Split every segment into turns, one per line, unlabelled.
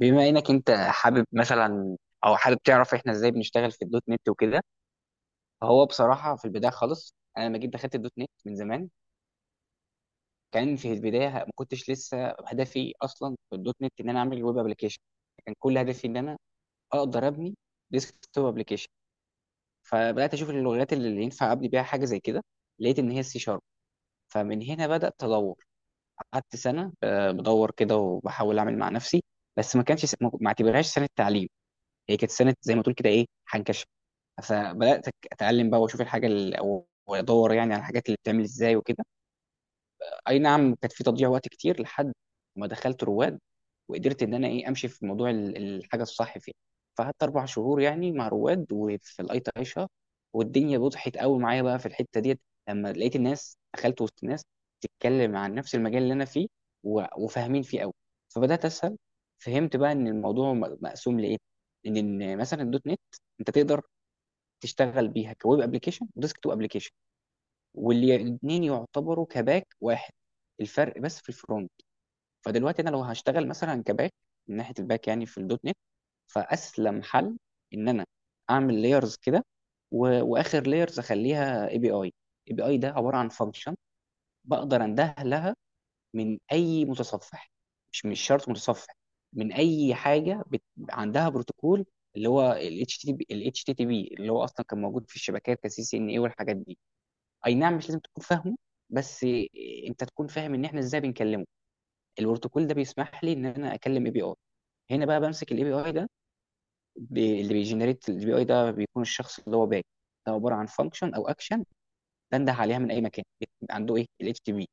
بما انك انت حابب مثلا، او حابب تعرف احنا ازاي بنشتغل في الدوت نت وكده. فهو بصراحه في البدايه خالص، انا لما جيت دخلت الدوت نت من زمان، كان في البدايه ما كنتش لسه هدفي اصلا في الدوت نت ان انا اعمل ويب ابلكيشن. كان كل هدفي ان انا اقدر ابني ديسك توب ابلكيشن. فبدات اشوف اللغات اللي ينفع ابني بيها حاجه زي كده، لقيت ان هي السي شارب. فمن هنا بدات ادور، قعدت سنه بدور كده وبحاول اعمل مع نفسي. بس ما اعتبرهاش سنه تعليم. هي كانت سنه زي ما تقول كده ايه حنكشه. فبدات اتعلم بقى، واشوف الحاجه او وادور يعني على الحاجات اللي بتعمل ازاي وكده. اي نعم، كانت في تضييع وقت كتير لحد ما دخلت رواد، وقدرت ان انا ايه امشي في موضوع الحاجه الصح فيه. فقعدت 4 شهور يعني مع رواد، وفي الاي تي اي شهر. والدنيا بضحت قوي معايا بقى في الحته ديت، لما لقيت الناس، دخلت وسط ناس بتتكلم عن نفس المجال اللي انا فيه، وفاهمين فيه قوي. فبدات اسهل. فهمت بقى ان الموضوع مقسوم لايه. إن مثلا الدوت نت انت تقدر تشتغل بيها كويب ابلكيشن وديسك توب ابلكيشن، والاثنين يعتبروا كباك واحد، الفرق بس في الفرونت. فدلوقتي انا لو هشتغل مثلا كباك، من ناحيه الباك يعني في الدوت نت، فاسلم حل ان انا اعمل لايرز كده، واخر لايرز اخليها اي بي اي. اي بي اي ده عباره عن فانكشن، بقدر انده لها من اي متصفح، مش شرط متصفح، من اي حاجه عندها بروتوكول، اللي هو ال HTTP، اللي هو اصلا كان موجود في الشبكات كسي سي ان اي والحاجات دي. اي نعم، مش لازم تكون فاهمه، بس انت تكون فاهم ان احنا ازاي بنكلمه. البروتوكول ده بيسمح لي ان انا اكلم اي بي اي. هنا بقى بمسك الاي بي اي ده. اللي بيجنريت الاي بي اي ده بيكون الشخص اللي هو باك. ده عباره عن فانكشن او اكشن، بنده عليها من اي مكان عنده ايه ال HTTP.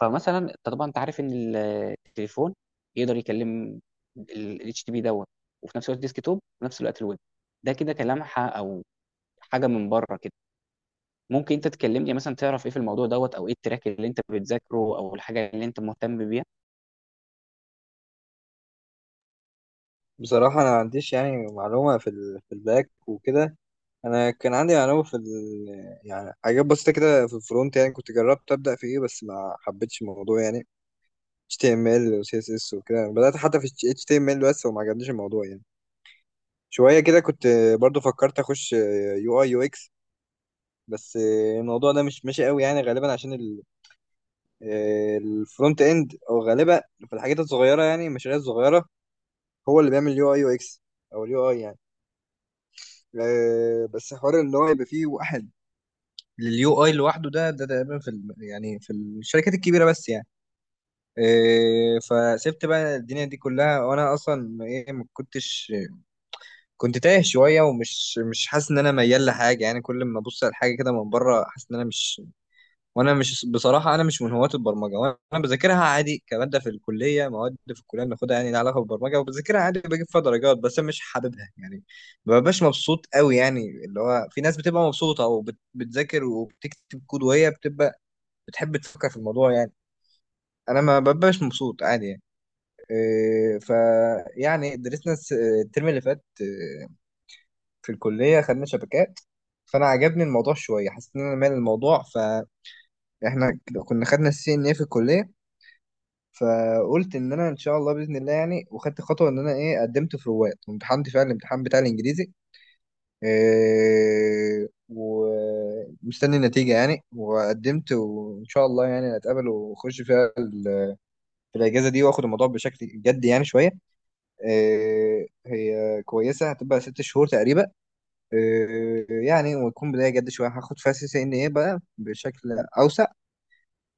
فمثلا انت طبعا انت عارف ان التليفون يقدر يكلم الاتش تي بي دوت، وفي نفس الوقت ديسك توب، وفي نفس الوقت الويب. ده كده كلمحه، او حاجه من بره كده. ممكن انت تكلمني مثلا، تعرف ايه في الموضوع دوت او ايه التراك اللي انت بتذاكره او الحاجه اللي انت مهتم بيها؟
بصراحة أنا ما عنديش يعني معلومة في الباك وكده. أنا كان عندي معلومة. يعني حاجات بسيطة كده في الفرونت، يعني كنت جربت أبدأ في إيه بس ما حبيتش الموضوع يعني HTML و CSS وكده، بدأت حتى في HTML بس وما عجبنيش الموضوع يعني. شوية كده كنت برضو فكرت أخش UI UX، بس الموضوع ده مش ماشي قوي يعني، غالبا عشان الفرونت إند، أو غالبا في الحاجات الصغيرة يعني المشاريع الصغيرة هو اللي بيعمل UI UX، أو ال UI يعني. بس حوار ان هو يبقى فيه واحد لليو اي لوحده، ده تقريبا يعني في الشركات الكبيره بس يعني. فسبت بقى الدنيا دي كلها، وانا اصلا ايه، ما كنتش، كنت تايه شويه ومش مش حاسس ان انا ميال لحاجه يعني. كل ما ابص على حاجه كده من بره حاسس ان انا مش. وانا مش، بصراحه انا مش من هواة البرمجه، وانا بذاكرها عادي كماده في الكليه، مواد في الكليه بناخدها يعني لها علاقه بالبرمجه، وبذاكرها عادي بجيب فيها درجات، بس أنا مش حاببها يعني. ما ببقاش مبسوط قوي يعني. اللي هو في ناس بتبقى مبسوطه وبتذاكر وبتكتب كود، وهي بتبقى بتحب تفكر في الموضوع يعني. انا ما ببقاش مبسوط، عادي يعني. إيه، ف يعني درسنا الترم اللي فات إيه، في الكليه خدنا شبكات. فانا عجبني الموضوع شويه، حسيت ان انا مال الموضوع. فاحنا كنا خدنا السي ان اي في الكليه، فقلت ان انا ان شاء الله باذن الله يعني، وخدت خطوه ان انا ايه، قدمت في رواد وامتحنت فعلا الامتحان بتاع الانجليزي. إيه، ومستني النتيجه يعني، وقدمت وان شاء الله يعني هتقابل واخش فيها في الاجازه دي، واخد الموضوع بشكل جدي يعني شويه. إيه، هي كويسه، هتبقى 6 شهور تقريبا. إيه يعني، وتكون بدايه جد شويه، هاخد فيها سي سي ان ايه بقى بشكل اوسع،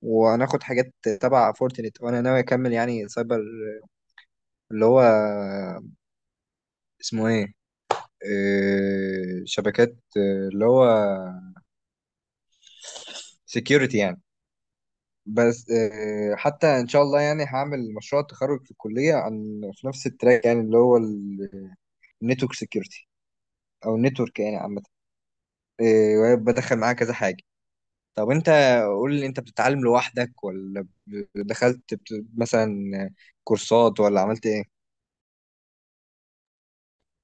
وهناخد حاجات تبع فورتنت. وانا ناوي اكمل يعني سايبر، اللي هو اسمه ايه، شبكات، اللي هو سكيورتي يعني. بس حتى ان شاء الله يعني هعمل مشروع تخرج في الكليه عن في نفس التراك، يعني اللي هو النتورك سكيورتي، او النتورك يعني عامه. بدخل معاه كذا حاجه. طب انت قول لي، انت بتتعلم لوحدك، ولا دخلت مثلا كورسات، ولا عملت ايه؟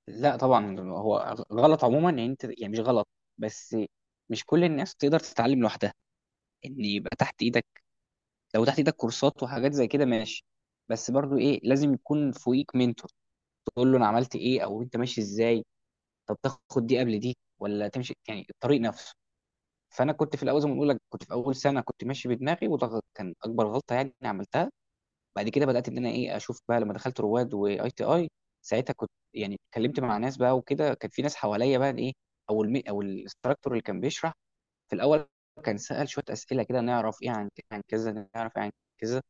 لا طبعا، هو غلط عموما يعني انت يعني مش غلط. بس مش كل الناس تقدر تتعلم لوحدها، ان يبقى تحت ايدك. لو تحت ايدك كورسات وحاجات زي كده ماشي. بس برضو ايه لازم يكون فوقيك منتور، تقول له انا عملت ايه، او انت ماشي ازاي، طب تاخد دي قبل دي ولا تمشي يعني الطريق نفسه. فانا كنت في الاول، زي ما بقول لك، كنت في اول سنه كنت ماشي بدماغي، وده كان اكبر غلطه يعني عملتها. بعد كده بدات ان انا ايه اشوف بقى، لما دخلت رواد واي تي اي. ساعتها كنت يعني اتكلمت مع ناس بقى وكده، كان في ناس حواليا بقى ايه، او المي او الاستراكتور اللي كان بيشرح. في الاول كان سال شويه اسئله كده، نعرف ايه عن كذا، نعرف ايه عن كذا.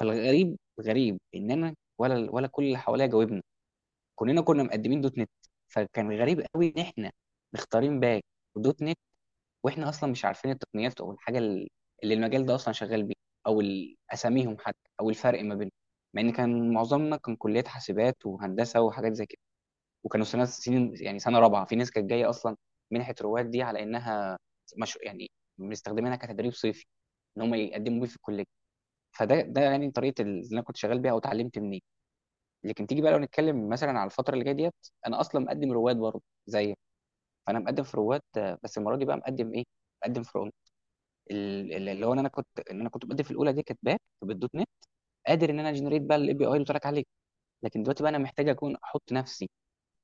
فالغريب غريب ان انا ولا كل اللي حواليا جاوبني، كلنا كنا مقدمين دوت نت. فكان غريب قوي ان احنا مختارين باك ودوت نت، واحنا اصلا مش عارفين التقنيات او الحاجه اللي المجال ده اصلا شغال بيه، او اساميهم حتى، او الفرق ما بينهم. مع ان كان معظمنا كان كليات حاسبات وهندسه وحاجات زي كده، وكانوا سنين يعني سنه رابعه، في ناس كانت جايه اصلا منحه رواد دي على انها مش يعني مستخدمينها كتدريب صيفي، ان هم يقدموا بيه في الكليه. فده يعني طريقه اللي انا كنت شغال بيها او اتعلمت منين. لكن تيجي بقى لو نتكلم مثلا على الفتره اللي جايه ديت، انا اصلا مقدم رواد برضه زي. فانا مقدم في رواد، بس المره دي بقى مقدم ايه، مقدم في رواد، اللي هو إن انا كنت مقدم في الاولى دي كانت باك بالدوت نت، قادر ان انا جنريت بقى الاي بي اي اللي قلت لك عليه. لكن دلوقتي بقى انا محتاج اكون احط نفسي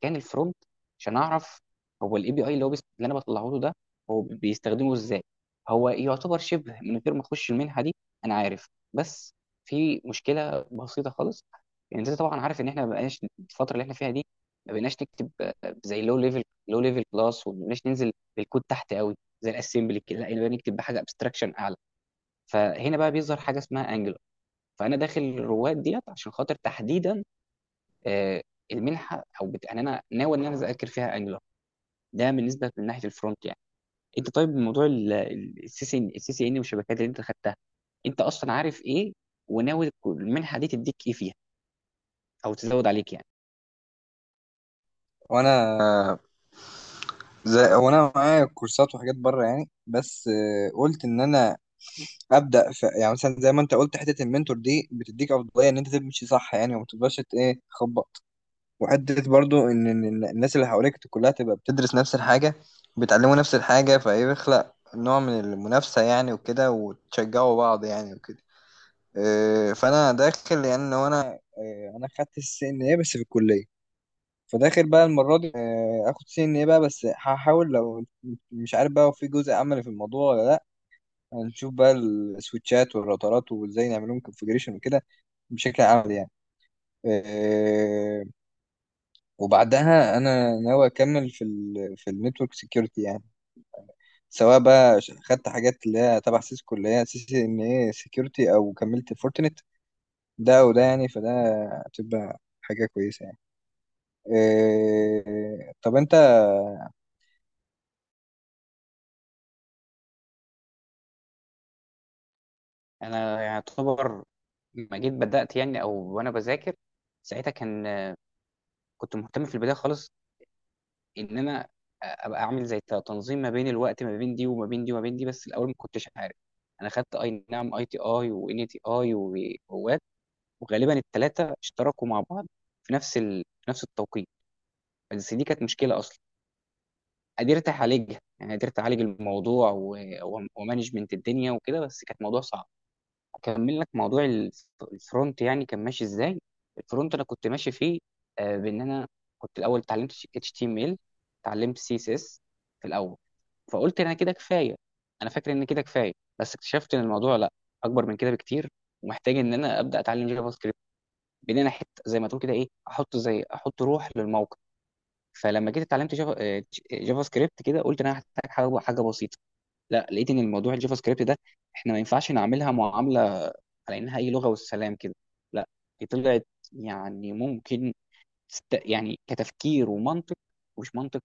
كان الفرونت، عشان اعرف هو الاي بي اي اللي هو اللي انا بطلعه له ده هو بيستخدمه ازاي. هو يعتبر شبه من غير ما اخش المنحه دي انا عارف، بس في مشكله بسيطه خالص. يعني انت طبعا عارف ان احنا ما بقناش الفتره اللي احنا فيها دي، ما بقناش نكتب زي لو ليفل كلاس، وما بقناش ننزل بالكود تحت قوي زي الاسمبلي كده، لا بقينا نكتب بحاجه ابستراكشن اعلى. فهنا بقى بيظهر حاجه اسمها انجلر. فانا داخل الرواد ديت عشان خاطر تحديدا، آه، المنحه او يعني انا ناوي ان انا اذاكر فيها انجلر. ده بالنسبه من ناحيه الفرونت يعني. انت طيب، موضوع السي سي ان والشبكات اللي انت خدتها، انت اصلا عارف ايه، وناوي المنحه دي تديك ايه فيها او تزود عليك يعني؟
وانا زي هو، انا معايا كورسات وحاجات بره يعني، بس قلت ان انا ابدا يعني. مثلا زي ما انت قلت، حته المنتور دي بتديك افضليه ان انت تمشي صح يعني، وما تفضلش ايه، تخبط. وحته برضو ان إن الناس اللي حواليك كلها تبقى بتدرس نفس الحاجه، بيتعلموا نفس الحاجه، فيخلق نوع من المنافسه يعني وكده، وتشجعوا بعض يعني وكده. إيه، فانا داخل، لان هو انا إيه، انا خدت السي ان ايه بس في الكليه، فداخل بقى المره دي إيه، اخد سي ان ايه بقى. بس هحاول لو، مش عارف بقى هو في جزء عملي في الموضوع ولا لا، هنشوف بقى السويتشات والراوترات وازاي نعمل لهم كونفجريشن وكده، بشكل عملي يعني. آه، وبعدها انا ناوي اكمل في في النتورك سكيورتي يعني، سواء بقى خدت حاجات اللي هي تبع سيسكو، اللي هي سي سي ان اي سكيورتي، او كملت فورتنت. ده وده يعني، فده هتبقى حاجة كويسة يعني. طب انت
انا يعتبر ما جيت بدات يعني، او وانا بذاكر، ساعتها كنت مهتم في البدايه خالص، ان انا ابقى اعمل زي تنظيم ما بين الوقت، ما بين دي وما بين دي وما بين دي، بس الاول ما كنتش عارف. انا خدت اي نعم اي تي اي وان تي اي ووات، وغالبا الثلاثه اشتركوا مع بعض في نفس التوقيت. بس دي كانت مشكله اصلا، قدرت اعالجها يعني، قدرت اعالج الموضوع ومانجمنت الدنيا وكده، بس كانت موضوع صعب. اكمل لك موضوع الفرونت، يعني كان ماشي ازاي. الفرونت انا كنت ماشي فيه، بان انا كنت الاول اتعلمت HTML، اتعلمت CSS في الاول. فقلت انا كده كفايه، انا فاكر ان كده كفايه، بس اكتشفت ان الموضوع لا، اكبر من كده بكتير، ومحتاج ان انا ابدا اتعلم جافا سكريبت، بان انا حته زي ما تقول كده ايه احط روح للموقع. فلما جيت اتعلمت جافا سكريبت كده، قلت إن انا هحتاج حاجه بسيطه. لا لقيت ان الموضوع الجافا سكريبت ده، احنا ما ينفعش نعملها معامله على انها اي لغه والسلام كده. لا، دي طلعت يعني ممكن يعني كتفكير ومنطق، مش منطق،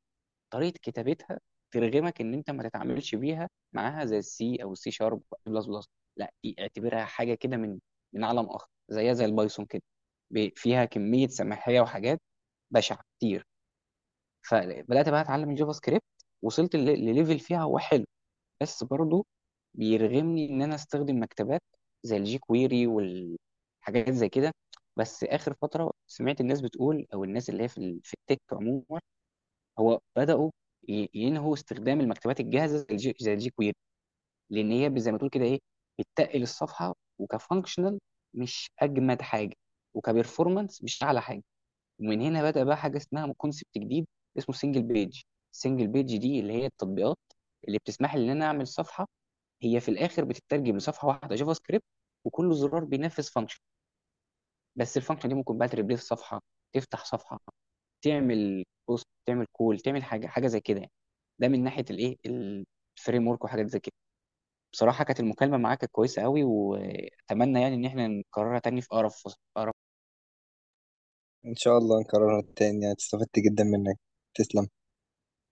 طريقه كتابتها ترغمك ان انت ما تتعاملش بيها معاها زي السي او السي شارب او البلس بلس بلس. لا، دي اعتبرها حاجه كده من عالم اخر، زيها زي البايثون كده، فيها كميه سماحيه وحاجات بشعه كتير. فبدات بقى اتعلم الجافا سكريبت، وصلت لليفل فيها هو حلو، بس برضه بيرغمني ان انا استخدم مكتبات زي الجي كويري والحاجات زي كده. بس اخر فتره سمعت الناس بتقول، او الناس اللي هي في التك عموما، هو بدأوا ينهوا استخدام المكتبات الجاهزة زي الجي, زي الجي كويري، لأن هي زي ما تقول كده إيه، بتتقل الصفحة وكفانكشنال مش أجمد حاجة، وكبرفورمانس مش أعلى حاجة. ومن هنا بدأ بقى حاجة اسمها كونسبت جديد، اسمه سنجل بيج. سنجل بيج دي اللي هي التطبيقات اللي بتسمح لي إن أنا أعمل صفحة، هي في الآخر بتترجم لصفحة واحدة جافا سكريبت، وكل زرار بينفذ فانكشن. بس الفانكشن دي ممكن بقى تريبليس صفحة، تفتح صفحة، تعمل بوست، تعمل كول، تعمل حاجه حاجه زي كده يعني. ده من ناحيه الايه، الفريم ورك وحاجات زي كده. بصراحه، كانت المكالمه معاك كانت كويسه قوي، واتمنى يعني ان احنا نكررها تاني في اقرب فرصه.